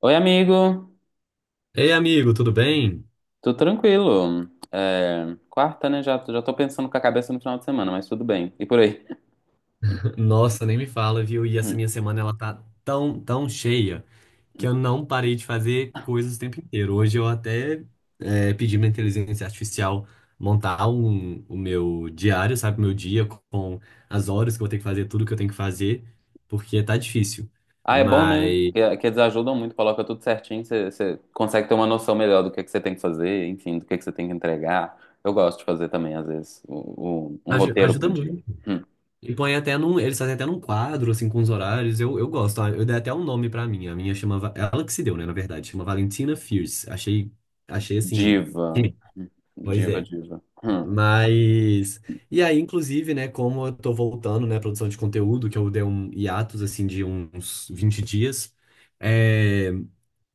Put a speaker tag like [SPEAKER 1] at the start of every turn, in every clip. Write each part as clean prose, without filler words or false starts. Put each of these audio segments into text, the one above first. [SPEAKER 1] Oi, amigo.
[SPEAKER 2] Ei, amigo, tudo bem?
[SPEAKER 1] Tudo tranquilo? É, quarta, né? Já, já tô pensando com a cabeça no final de semana, mas tudo bem. E por aí?
[SPEAKER 2] Nossa, nem me fala, viu? E essa minha semana ela tá tão, tão cheia que eu não parei de fazer coisas o tempo inteiro. Hoje eu até pedi minha inteligência artificial montar o meu diário, sabe? Meu dia com as horas que eu vou ter que fazer, tudo que eu tenho que fazer, porque tá difícil.
[SPEAKER 1] Ah, é bom, né?
[SPEAKER 2] Mas
[SPEAKER 1] Que eles ajudam muito, coloca tudo certinho, você consegue ter uma noção melhor do que você tem que fazer, enfim, do que você tem que entregar. Eu gosto de fazer também, às vezes, um
[SPEAKER 2] aju-
[SPEAKER 1] roteiro
[SPEAKER 2] ajuda
[SPEAKER 1] pro dia.
[SPEAKER 2] muito.
[SPEAKER 1] Hum.
[SPEAKER 2] E põe até num. Eles fazem até num quadro, assim, com os horários. Eu gosto. Ah, eu dei até um nome pra minha. A minha chama. É ela que se deu, né, na verdade. Chama Valentina Fierce. Achei. Achei assim.
[SPEAKER 1] Diva.
[SPEAKER 2] Sim.
[SPEAKER 1] Hum.
[SPEAKER 2] Pois
[SPEAKER 1] Diva,
[SPEAKER 2] é.
[SPEAKER 1] diva. Hum.
[SPEAKER 2] Mas. E aí, inclusive, né, como eu tô voltando, né, à produção de conteúdo, que eu dei um hiatus, assim, de uns 20 dias. é,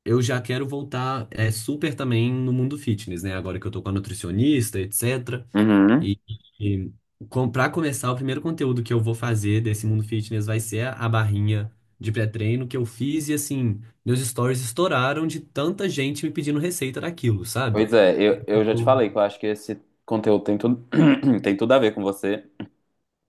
[SPEAKER 2] eu já quero voltar super também no mundo fitness, né? Agora que eu tô com a nutricionista, etc.
[SPEAKER 1] Uhum.
[SPEAKER 2] E, e começar, o primeiro conteúdo que eu vou fazer desse mundo fitness vai ser a barrinha de pré-treino que eu fiz e assim, meus stories estouraram de tanta gente me pedindo receita daquilo, sabe?
[SPEAKER 1] Pois é, eu já te
[SPEAKER 2] Então,
[SPEAKER 1] falei que eu acho que esse conteúdo tem tudo, tem tudo a ver com você.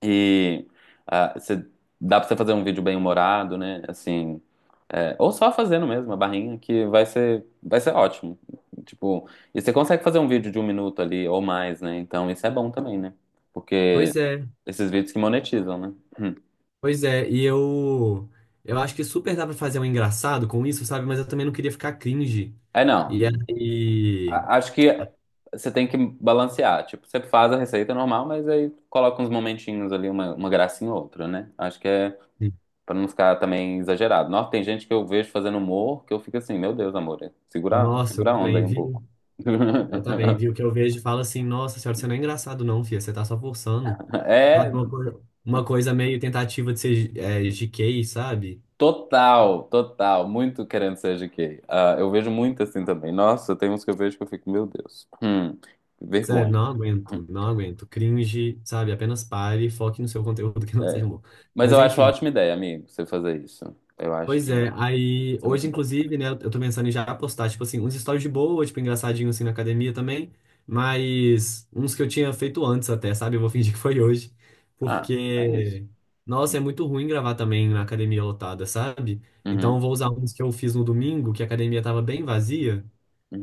[SPEAKER 1] E ah, dá pra você fazer um vídeo bem humorado, né? Assim, ou só fazendo mesmo a barrinha, que vai ser ótimo. Tipo, e você consegue fazer um vídeo de um minuto ali ou mais, né? Então isso é bom também, né? Porque
[SPEAKER 2] pois é,
[SPEAKER 1] esses vídeos que monetizam, né? Hum.
[SPEAKER 2] pois é. E eu acho que super dá pra fazer um engraçado com isso, sabe? Mas eu também não queria ficar cringe.
[SPEAKER 1] É,
[SPEAKER 2] E
[SPEAKER 1] não.
[SPEAKER 2] aí,
[SPEAKER 1] Acho que você tem que balancear. Tipo, você faz a receita normal, mas aí coloca uns momentinhos ali, uma gracinha ou outra, né? Acho que é. Pra não ficar também exagerado. Nossa, tem gente que eu vejo fazendo humor que eu fico assim, meu Deus, amor, segura,
[SPEAKER 2] nossa, eu
[SPEAKER 1] segura a onda aí
[SPEAKER 2] também
[SPEAKER 1] um
[SPEAKER 2] vi.
[SPEAKER 1] pouco.
[SPEAKER 2] Eu também, viu? Que eu vejo e falo assim, nossa senhora, você não é engraçado não, filha, você tá só forçando.
[SPEAKER 1] É,
[SPEAKER 2] Sabe, uma coisa meio tentativa de ser GK, sabe?
[SPEAKER 1] total, total, muito querendo ser GK. Ah, eu vejo muito assim também. Nossa, tem uns que eu vejo que eu fico, meu Deus, que
[SPEAKER 2] Sério,
[SPEAKER 1] vergonha.
[SPEAKER 2] não
[SPEAKER 1] Hum.
[SPEAKER 2] aguento, não aguento. Cringe, sabe? Apenas pare e foque no seu conteúdo que não
[SPEAKER 1] É.
[SPEAKER 2] seja bom.
[SPEAKER 1] Mas
[SPEAKER 2] Mas
[SPEAKER 1] eu acho uma
[SPEAKER 2] enfim,
[SPEAKER 1] ótima ideia, amigo, você fazer isso. Eu acho
[SPEAKER 2] pois
[SPEAKER 1] que
[SPEAKER 2] é,
[SPEAKER 1] isso
[SPEAKER 2] aí
[SPEAKER 1] é muito
[SPEAKER 2] hoje,
[SPEAKER 1] bom.
[SPEAKER 2] inclusive, né, eu tô pensando em já postar, tipo assim, uns stories de boa, tipo, engraçadinho assim na academia também, mas uns que eu tinha feito antes até, sabe? Eu vou fingir que foi hoje,
[SPEAKER 1] Ah, é isso.
[SPEAKER 2] porque, nossa, é muito ruim gravar também na academia lotada, sabe? Então eu
[SPEAKER 1] Uhum,
[SPEAKER 2] vou usar uns que eu fiz no domingo, que a academia tava bem vazia,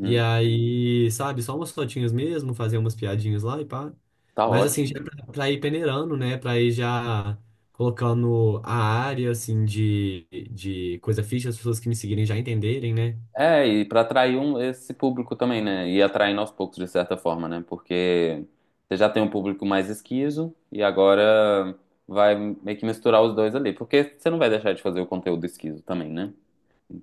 [SPEAKER 2] e aí, sabe, só umas fotinhas mesmo, fazer umas piadinhas lá e pá.
[SPEAKER 1] Tá
[SPEAKER 2] Mas assim, já
[SPEAKER 1] ótimo.
[SPEAKER 2] é pra ir peneirando, né? Pra ir já colocando a área, assim, de coisa fixa, as pessoas que me seguirem já entenderem, né?
[SPEAKER 1] É, e para atrair um, esse público também, né? E atraindo aos poucos, de certa forma, né? Porque você já tem um público mais esquizo e agora vai meio que misturar os dois ali. Porque você não vai deixar de fazer o conteúdo esquizo também, né?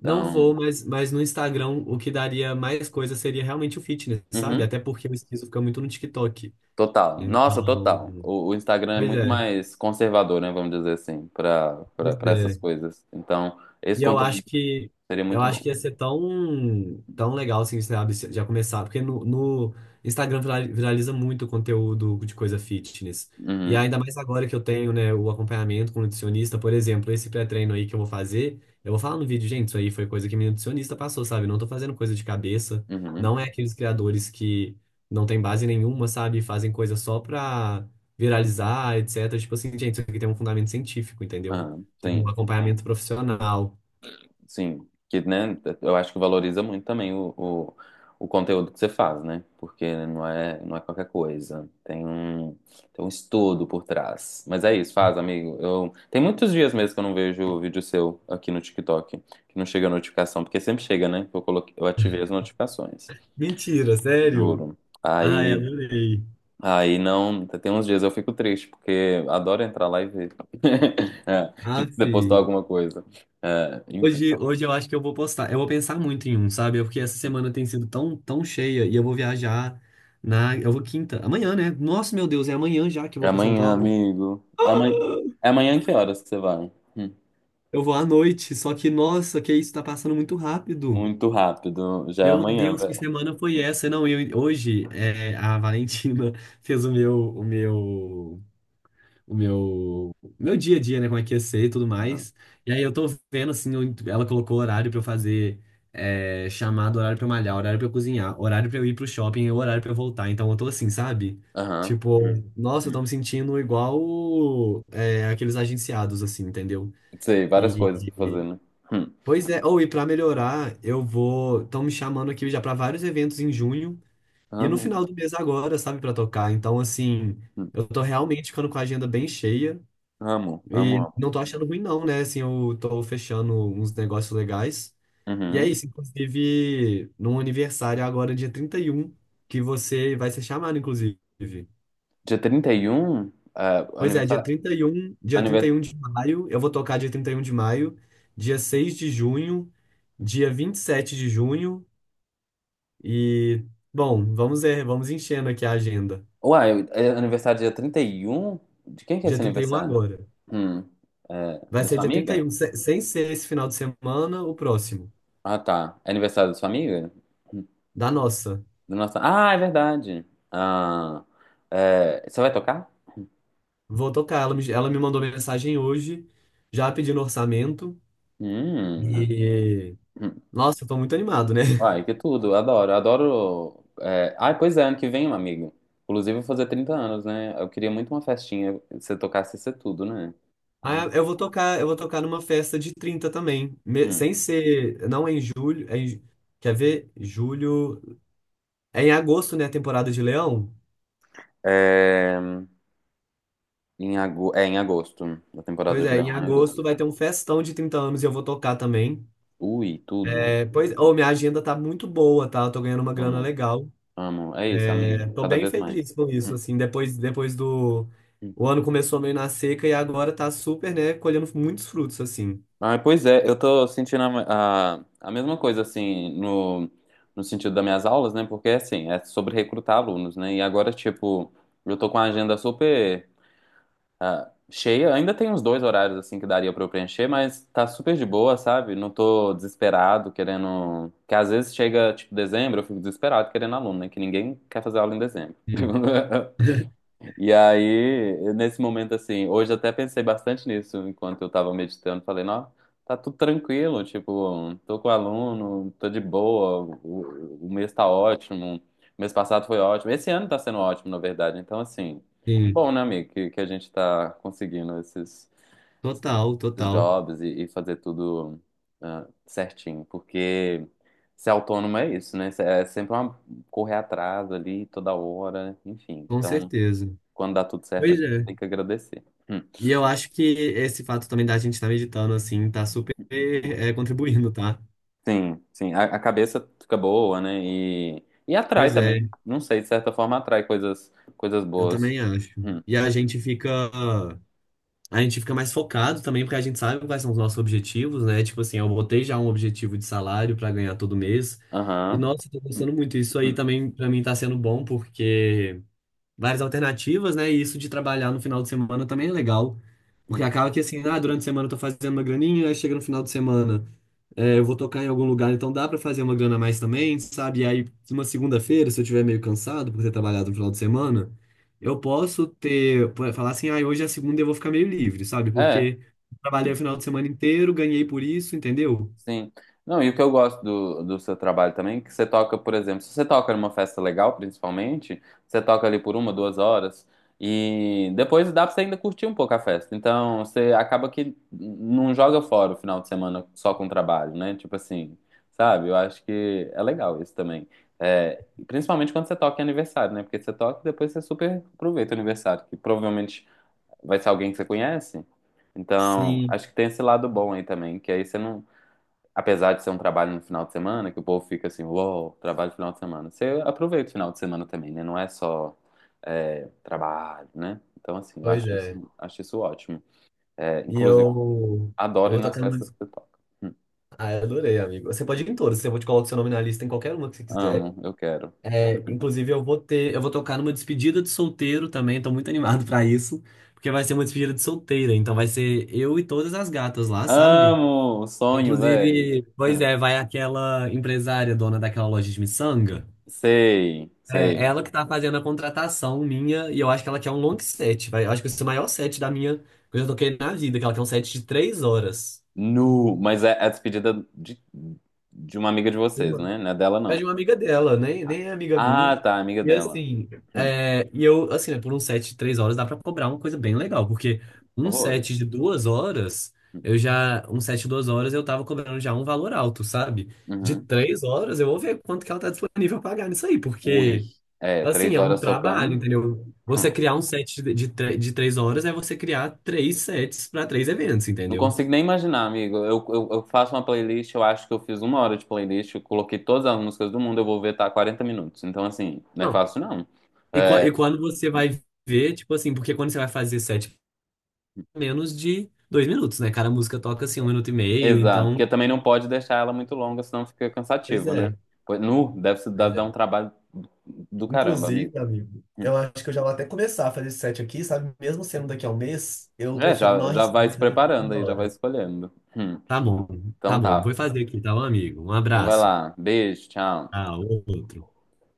[SPEAKER 2] Não vou, mas no Instagram o que daria mais coisa seria realmente o fitness, sabe?
[SPEAKER 1] uhum,
[SPEAKER 2] Até porque o esquizo fica muito no TikTok.
[SPEAKER 1] total. Nossa,
[SPEAKER 2] Então,
[SPEAKER 1] total. O Instagram é
[SPEAKER 2] pois
[SPEAKER 1] muito
[SPEAKER 2] é,
[SPEAKER 1] mais conservador, né? Vamos dizer assim, para
[SPEAKER 2] pois
[SPEAKER 1] para essas
[SPEAKER 2] é.
[SPEAKER 1] coisas. Então, esse
[SPEAKER 2] E eu
[SPEAKER 1] conteúdo
[SPEAKER 2] acho que
[SPEAKER 1] seria
[SPEAKER 2] eu
[SPEAKER 1] muito
[SPEAKER 2] acho
[SPEAKER 1] bom.
[SPEAKER 2] que ia ser tão, tão legal assim, sabe, já começar, porque no Instagram viraliza muito conteúdo de coisa fitness. E
[SPEAKER 1] Uhum,
[SPEAKER 2] ainda mais agora que eu tenho, né, o acompanhamento com o nutricionista, por exemplo, esse pré-treino aí que eu vou fazer, eu vou falar no vídeo, gente, isso aí foi coisa que minha nutricionista passou, sabe? Não tô fazendo coisa de cabeça,
[SPEAKER 1] uhum.
[SPEAKER 2] não é aqueles criadores que não tem base nenhuma, sabe, fazem coisa só pra viralizar, etc. Tipo assim, gente, isso aqui tem um fundamento científico, entendeu?
[SPEAKER 1] Ah,
[SPEAKER 2] Tem um
[SPEAKER 1] sim.
[SPEAKER 2] acompanhamento profissional.
[SPEAKER 1] Sim, que, né, eu acho que valoriza muito também o conteúdo que você faz, né? Porque não é, não é qualquer coisa. Tem um estudo por trás. Mas é isso, faz, amigo. Tem muitos dias mesmo que eu não vejo o vídeo seu aqui no TikTok, que não chega a notificação, porque sempre chega, né? Eu coloquei, eu ativei as notificações,
[SPEAKER 2] Mentira, sério?
[SPEAKER 1] juro.
[SPEAKER 2] Ai,
[SPEAKER 1] Aí,
[SPEAKER 2] adorei.
[SPEAKER 1] aí, não, tem uns dias eu fico triste, porque adoro entrar lá e ver É, que
[SPEAKER 2] Aff.
[SPEAKER 1] você postou alguma coisa. É, enfim.
[SPEAKER 2] Hoje eu acho que eu vou postar. Eu vou pensar muito em um, sabe? Porque essa semana tem sido tão, tão cheia e eu vou viajar na. Eu vou quinta. Amanhã, né? Nossa, meu Deus, é amanhã já que eu
[SPEAKER 1] É
[SPEAKER 2] vou pra São
[SPEAKER 1] amanhã,
[SPEAKER 2] Paulo.
[SPEAKER 1] amigo. Amanhã... É amanhã que horas que você vai? Hum.
[SPEAKER 2] Eu vou à noite, só que, nossa, que isso tá passando muito rápido.
[SPEAKER 1] Muito rápido. Já é
[SPEAKER 2] Meu
[SPEAKER 1] amanhã,
[SPEAKER 2] Deus, que
[SPEAKER 1] velho.
[SPEAKER 2] semana foi essa? Não, eu, hoje a Valentina fez meu dia a dia, né? Como é que ia ser e tudo
[SPEAKER 1] Aham.
[SPEAKER 2] mais. E aí eu tô vendo, assim, ela colocou horário pra eu fazer chamada, horário pra eu malhar, horário pra eu cozinhar, horário pra eu ir pro shopping e horário pra eu voltar. Então eu tô assim, sabe?
[SPEAKER 1] Aham.
[SPEAKER 2] Tipo,
[SPEAKER 1] Hum.
[SPEAKER 2] nossa, eu tô
[SPEAKER 1] Hum.
[SPEAKER 2] me sentindo igual aqueles agenciados, assim, entendeu?
[SPEAKER 1] Sei, várias
[SPEAKER 2] E,
[SPEAKER 1] coisas pra fazer, né? Hum.
[SPEAKER 2] pois é, ou e pra melhorar, eu vou. Estão me chamando aqui já pra vários eventos em junho e no
[SPEAKER 1] Amo.
[SPEAKER 2] final do mês agora, sabe, pra tocar. Então, assim,
[SPEAKER 1] Hum.
[SPEAKER 2] eu tô realmente ficando com a agenda bem cheia.
[SPEAKER 1] Amo, amo,
[SPEAKER 2] E
[SPEAKER 1] amo.
[SPEAKER 2] não tô achando ruim, não, né? Assim, eu tô fechando uns negócios legais. E é
[SPEAKER 1] Uhum.
[SPEAKER 2] isso, inclusive, num aniversário agora, dia 31 que você vai ser chamado, inclusive.
[SPEAKER 1] Dia 31. É,
[SPEAKER 2] Pois é, dia
[SPEAKER 1] aniversário.
[SPEAKER 2] trinta e um dia trinta e
[SPEAKER 1] Anivers...
[SPEAKER 2] um de maio, eu vou tocar dia 31 de maio, dia 6 de junho, dia 27 de junho e, bom, vamos ver, vamos enchendo aqui a agenda.
[SPEAKER 1] Uai, é aniversário dia 31. De quem que é
[SPEAKER 2] Dia
[SPEAKER 1] esse
[SPEAKER 2] 31
[SPEAKER 1] aniversário?
[SPEAKER 2] agora.
[SPEAKER 1] Hum. É,
[SPEAKER 2] Vai
[SPEAKER 1] da
[SPEAKER 2] ser
[SPEAKER 1] sua
[SPEAKER 2] dia
[SPEAKER 1] amiga?
[SPEAKER 2] 31, sem ser esse final de semana, o próximo,
[SPEAKER 1] Ah, tá. É aniversário da sua amiga?
[SPEAKER 2] da nossa.
[SPEAKER 1] Do nosso... Ah, é verdade. Ah, é, você vai tocar?
[SPEAKER 2] Vou tocar. Ela me mandou mensagem hoje, já pedindo orçamento.
[SPEAKER 1] Hum.
[SPEAKER 2] E.
[SPEAKER 1] Hum.
[SPEAKER 2] Nossa, eu tô muito animado, né?
[SPEAKER 1] Ai, que tudo. Adoro, adoro. É... Ai, pois é, ano que vem, meu amigo. Inclusive, eu vou fazer 30 anos, né? Eu queria muito uma festinha, se eu tocasse ser tudo, né?
[SPEAKER 2] Ah,
[SPEAKER 1] Ai.
[SPEAKER 2] eu vou tocar numa festa de 30 também.
[SPEAKER 1] Hum.
[SPEAKER 2] Sem ser. Não é em julho. Quer ver? Julho. É em agosto, né? A temporada de Leão.
[SPEAKER 1] É... Em ago... é em agosto. A
[SPEAKER 2] Pois
[SPEAKER 1] temporada de
[SPEAKER 2] é, em
[SPEAKER 1] Leão é em agosto.
[SPEAKER 2] agosto vai ter um festão de 30 anos e eu vou tocar também.
[SPEAKER 1] Ui, tudo.
[SPEAKER 2] É, pois, oh, minha agenda tá muito boa, tá? Eu tô ganhando uma grana
[SPEAKER 1] Amo,
[SPEAKER 2] legal.
[SPEAKER 1] amo. É isso, amigo.
[SPEAKER 2] Tô
[SPEAKER 1] Cada
[SPEAKER 2] bem
[SPEAKER 1] vez
[SPEAKER 2] feliz
[SPEAKER 1] mais.
[SPEAKER 2] com isso, assim, depois do...
[SPEAKER 1] Hum.
[SPEAKER 2] O ano começou meio na seca e agora tá super, né, colhendo muitos frutos, assim.
[SPEAKER 1] Ah, pois é, eu tô sentindo a mesma coisa, assim, no sentido das minhas aulas, né? Porque, assim, é sobre recrutar alunos, né? E agora, tipo, eu tô com a agenda super cheia. Ainda tem uns dois horários, assim, que daria pra eu preencher, mas tá super de boa, sabe? Não tô desesperado, querendo... Que às vezes chega, tipo, dezembro, eu fico desesperado querendo aluno, né? Que ninguém quer fazer aula em dezembro.
[SPEAKER 2] Sim,
[SPEAKER 1] E aí, nesse momento assim, hoje até pensei bastante nisso enquanto eu tava meditando. Falei, não, tá tudo tranquilo, tipo, tô com aluno, tô de boa, o mês tá ótimo, o mês passado foi ótimo, esse ano tá sendo ótimo, na verdade. Então, assim, que
[SPEAKER 2] sim,
[SPEAKER 1] bom, né, amigo, que a gente tá conseguindo esses,
[SPEAKER 2] total,
[SPEAKER 1] esses
[SPEAKER 2] total,
[SPEAKER 1] jobs e fazer tudo certinho, porque ser autônomo é isso, né? É sempre uma correr atrás ali toda hora, enfim.
[SPEAKER 2] com
[SPEAKER 1] Então.
[SPEAKER 2] certeza.
[SPEAKER 1] Quando dá tudo certo, a
[SPEAKER 2] Pois
[SPEAKER 1] gente
[SPEAKER 2] é.
[SPEAKER 1] tem que agradecer. Hum.
[SPEAKER 2] E eu acho que esse fato também da gente estar meditando, assim, tá super, contribuindo, tá?
[SPEAKER 1] Sim, sim. A cabeça fica boa, né? E atrai
[SPEAKER 2] Pois
[SPEAKER 1] também.
[SPEAKER 2] é,
[SPEAKER 1] Não sei, de certa forma atrai coisas, coisas
[SPEAKER 2] eu
[SPEAKER 1] boas.
[SPEAKER 2] também acho.
[SPEAKER 1] Hum.
[SPEAKER 2] E a gente fica. A gente fica mais focado também, porque a gente sabe quais são os nossos objetivos, né? Tipo assim, eu botei já um objetivo de salário para ganhar todo mês. E
[SPEAKER 1] Aham.
[SPEAKER 2] nossa, tô
[SPEAKER 1] Hum,
[SPEAKER 2] gostando muito. Isso aí
[SPEAKER 1] hum,
[SPEAKER 2] também para mim tá sendo bom, porque várias alternativas, né? E isso de trabalhar no final de semana também é legal. Porque
[SPEAKER 1] hum.
[SPEAKER 2] acaba que assim, ah, durante a semana eu tô fazendo uma graninha, aí chega no final de semana. É, eu vou tocar em algum lugar, então dá pra fazer uma grana a mais também, sabe? E aí, uma segunda-feira, se eu tiver meio cansado por ter trabalhado no final de semana, eu posso ter, pô, falar assim, ah, hoje é a segunda e eu vou ficar meio livre, sabe?
[SPEAKER 1] É.
[SPEAKER 2] Porque trabalhei o
[SPEAKER 1] Hum.
[SPEAKER 2] final de semana inteiro, ganhei por isso, entendeu?
[SPEAKER 1] Sim. Não, e o que eu gosto do seu trabalho também, é que você toca, por exemplo, se você toca numa festa legal, principalmente, você toca ali por uma, duas horas, e depois dá pra você ainda curtir um pouco a festa. Então, você acaba que não joga fora o final de semana só com trabalho, né? Tipo assim, sabe? Eu acho que é legal isso também. É, principalmente quando você toca em aniversário, né? Porque você toca e depois você super aproveita o aniversário, que provavelmente vai ser alguém que você conhece. Então,
[SPEAKER 2] Sim,
[SPEAKER 1] acho que tem esse lado bom aí também, que aí você não, apesar de ser um trabalho no final de semana, que o povo fica assim, uou, trabalho no final de semana. Você aproveita o final de semana também, né? Não é só trabalho, né? Então, assim, eu
[SPEAKER 2] pois é.
[SPEAKER 1] acho isso ótimo. É,
[SPEAKER 2] E
[SPEAKER 1] inclusive,
[SPEAKER 2] eu
[SPEAKER 1] adoro ir
[SPEAKER 2] vou
[SPEAKER 1] nas
[SPEAKER 2] tocar numa.
[SPEAKER 1] festas que você toca.
[SPEAKER 2] Ah, eu adorei, amigo. Você pode ir em todas, eu vou te colocar seu nome na lista em qualquer uma que você quiser.
[SPEAKER 1] Amo, eu quero.
[SPEAKER 2] É, inclusive, eu vou tocar numa despedida de solteiro também, tô muito animado pra isso, porque vai ser uma despedida de solteira, então vai ser eu e todas as gatas lá, sabe?
[SPEAKER 1] Amo! Sonho, velho.
[SPEAKER 2] Inclusive, pois é, vai aquela empresária dona daquela loja de miçanga.
[SPEAKER 1] Sei,
[SPEAKER 2] É
[SPEAKER 1] sei.
[SPEAKER 2] ela que tá fazendo a contratação minha, e eu acho que ela quer um long set, vai, eu acho que esse é o maior set da minha que eu já toquei na vida, que ela quer um set de 3 horas.
[SPEAKER 1] Nu, mas é a despedida de uma amiga de vocês, né? Não é dela,
[SPEAKER 2] É de
[SPEAKER 1] não.
[SPEAKER 2] uma amiga dela, nem,
[SPEAKER 1] Ah,
[SPEAKER 2] nem é amiga
[SPEAKER 1] ah,
[SPEAKER 2] minha.
[SPEAKER 1] tá, amiga
[SPEAKER 2] E
[SPEAKER 1] dela.
[SPEAKER 2] assim,
[SPEAKER 1] Hum,
[SPEAKER 2] e eu, assim, né, por um set de 3 horas dá pra cobrar uma coisa bem legal, porque um
[SPEAKER 1] horrores.
[SPEAKER 2] set de 2 horas, eu tava cobrando já um valor alto, sabe? De
[SPEAKER 1] Uhum.
[SPEAKER 2] três horas eu vou ver quanto que ela tá disponível a pagar nisso aí,
[SPEAKER 1] Ui,
[SPEAKER 2] porque,
[SPEAKER 1] é,
[SPEAKER 2] assim,
[SPEAKER 1] três
[SPEAKER 2] é um
[SPEAKER 1] horas
[SPEAKER 2] trabalho,
[SPEAKER 1] tocando.
[SPEAKER 2] entendeu? Você
[SPEAKER 1] Hum.
[SPEAKER 2] criar um set de 3 horas é você criar três sets pra três eventos,
[SPEAKER 1] Não
[SPEAKER 2] entendeu?
[SPEAKER 1] consigo nem imaginar, amigo. Eu faço uma playlist, eu acho que eu fiz uma hora de playlist, eu coloquei todas as músicas do mundo, eu vou ver, tá 40 minutos. Então, assim, não é
[SPEAKER 2] Não.
[SPEAKER 1] fácil, não.
[SPEAKER 2] E
[SPEAKER 1] É,
[SPEAKER 2] quando você
[SPEAKER 1] hum,
[SPEAKER 2] vai ver, tipo assim, porque quando você vai fazer set menos de 2 minutos, né? Cada música toca assim um minuto e meio,
[SPEAKER 1] exato,
[SPEAKER 2] então.
[SPEAKER 1] porque também não pode deixar ela muito longa, senão fica
[SPEAKER 2] Pois
[SPEAKER 1] cansativo, né?
[SPEAKER 2] é,
[SPEAKER 1] Nu, deve, se- deve
[SPEAKER 2] pois
[SPEAKER 1] dar um
[SPEAKER 2] é.
[SPEAKER 1] trabalho do caramba,
[SPEAKER 2] Inclusive,
[SPEAKER 1] amigo.
[SPEAKER 2] amigo,
[SPEAKER 1] Hum.
[SPEAKER 2] eu acho que eu já vou até começar a fazer esse set aqui, sabe? Mesmo sendo daqui a um mês, eu
[SPEAKER 1] É,
[SPEAKER 2] prefiro
[SPEAKER 1] já,
[SPEAKER 2] não
[SPEAKER 1] já vai
[SPEAKER 2] arriscar e
[SPEAKER 1] se
[SPEAKER 2] fazer tudo
[SPEAKER 1] preparando
[SPEAKER 2] na
[SPEAKER 1] aí, já vai
[SPEAKER 2] hora.
[SPEAKER 1] escolhendo. Hum.
[SPEAKER 2] Tá bom, tá
[SPEAKER 1] Então
[SPEAKER 2] bom. Vou
[SPEAKER 1] tá.
[SPEAKER 2] fazer aqui, tá, meu amigo? Um
[SPEAKER 1] Então vai
[SPEAKER 2] abraço.
[SPEAKER 1] lá. Beijo, tchau.
[SPEAKER 2] Ah, outro.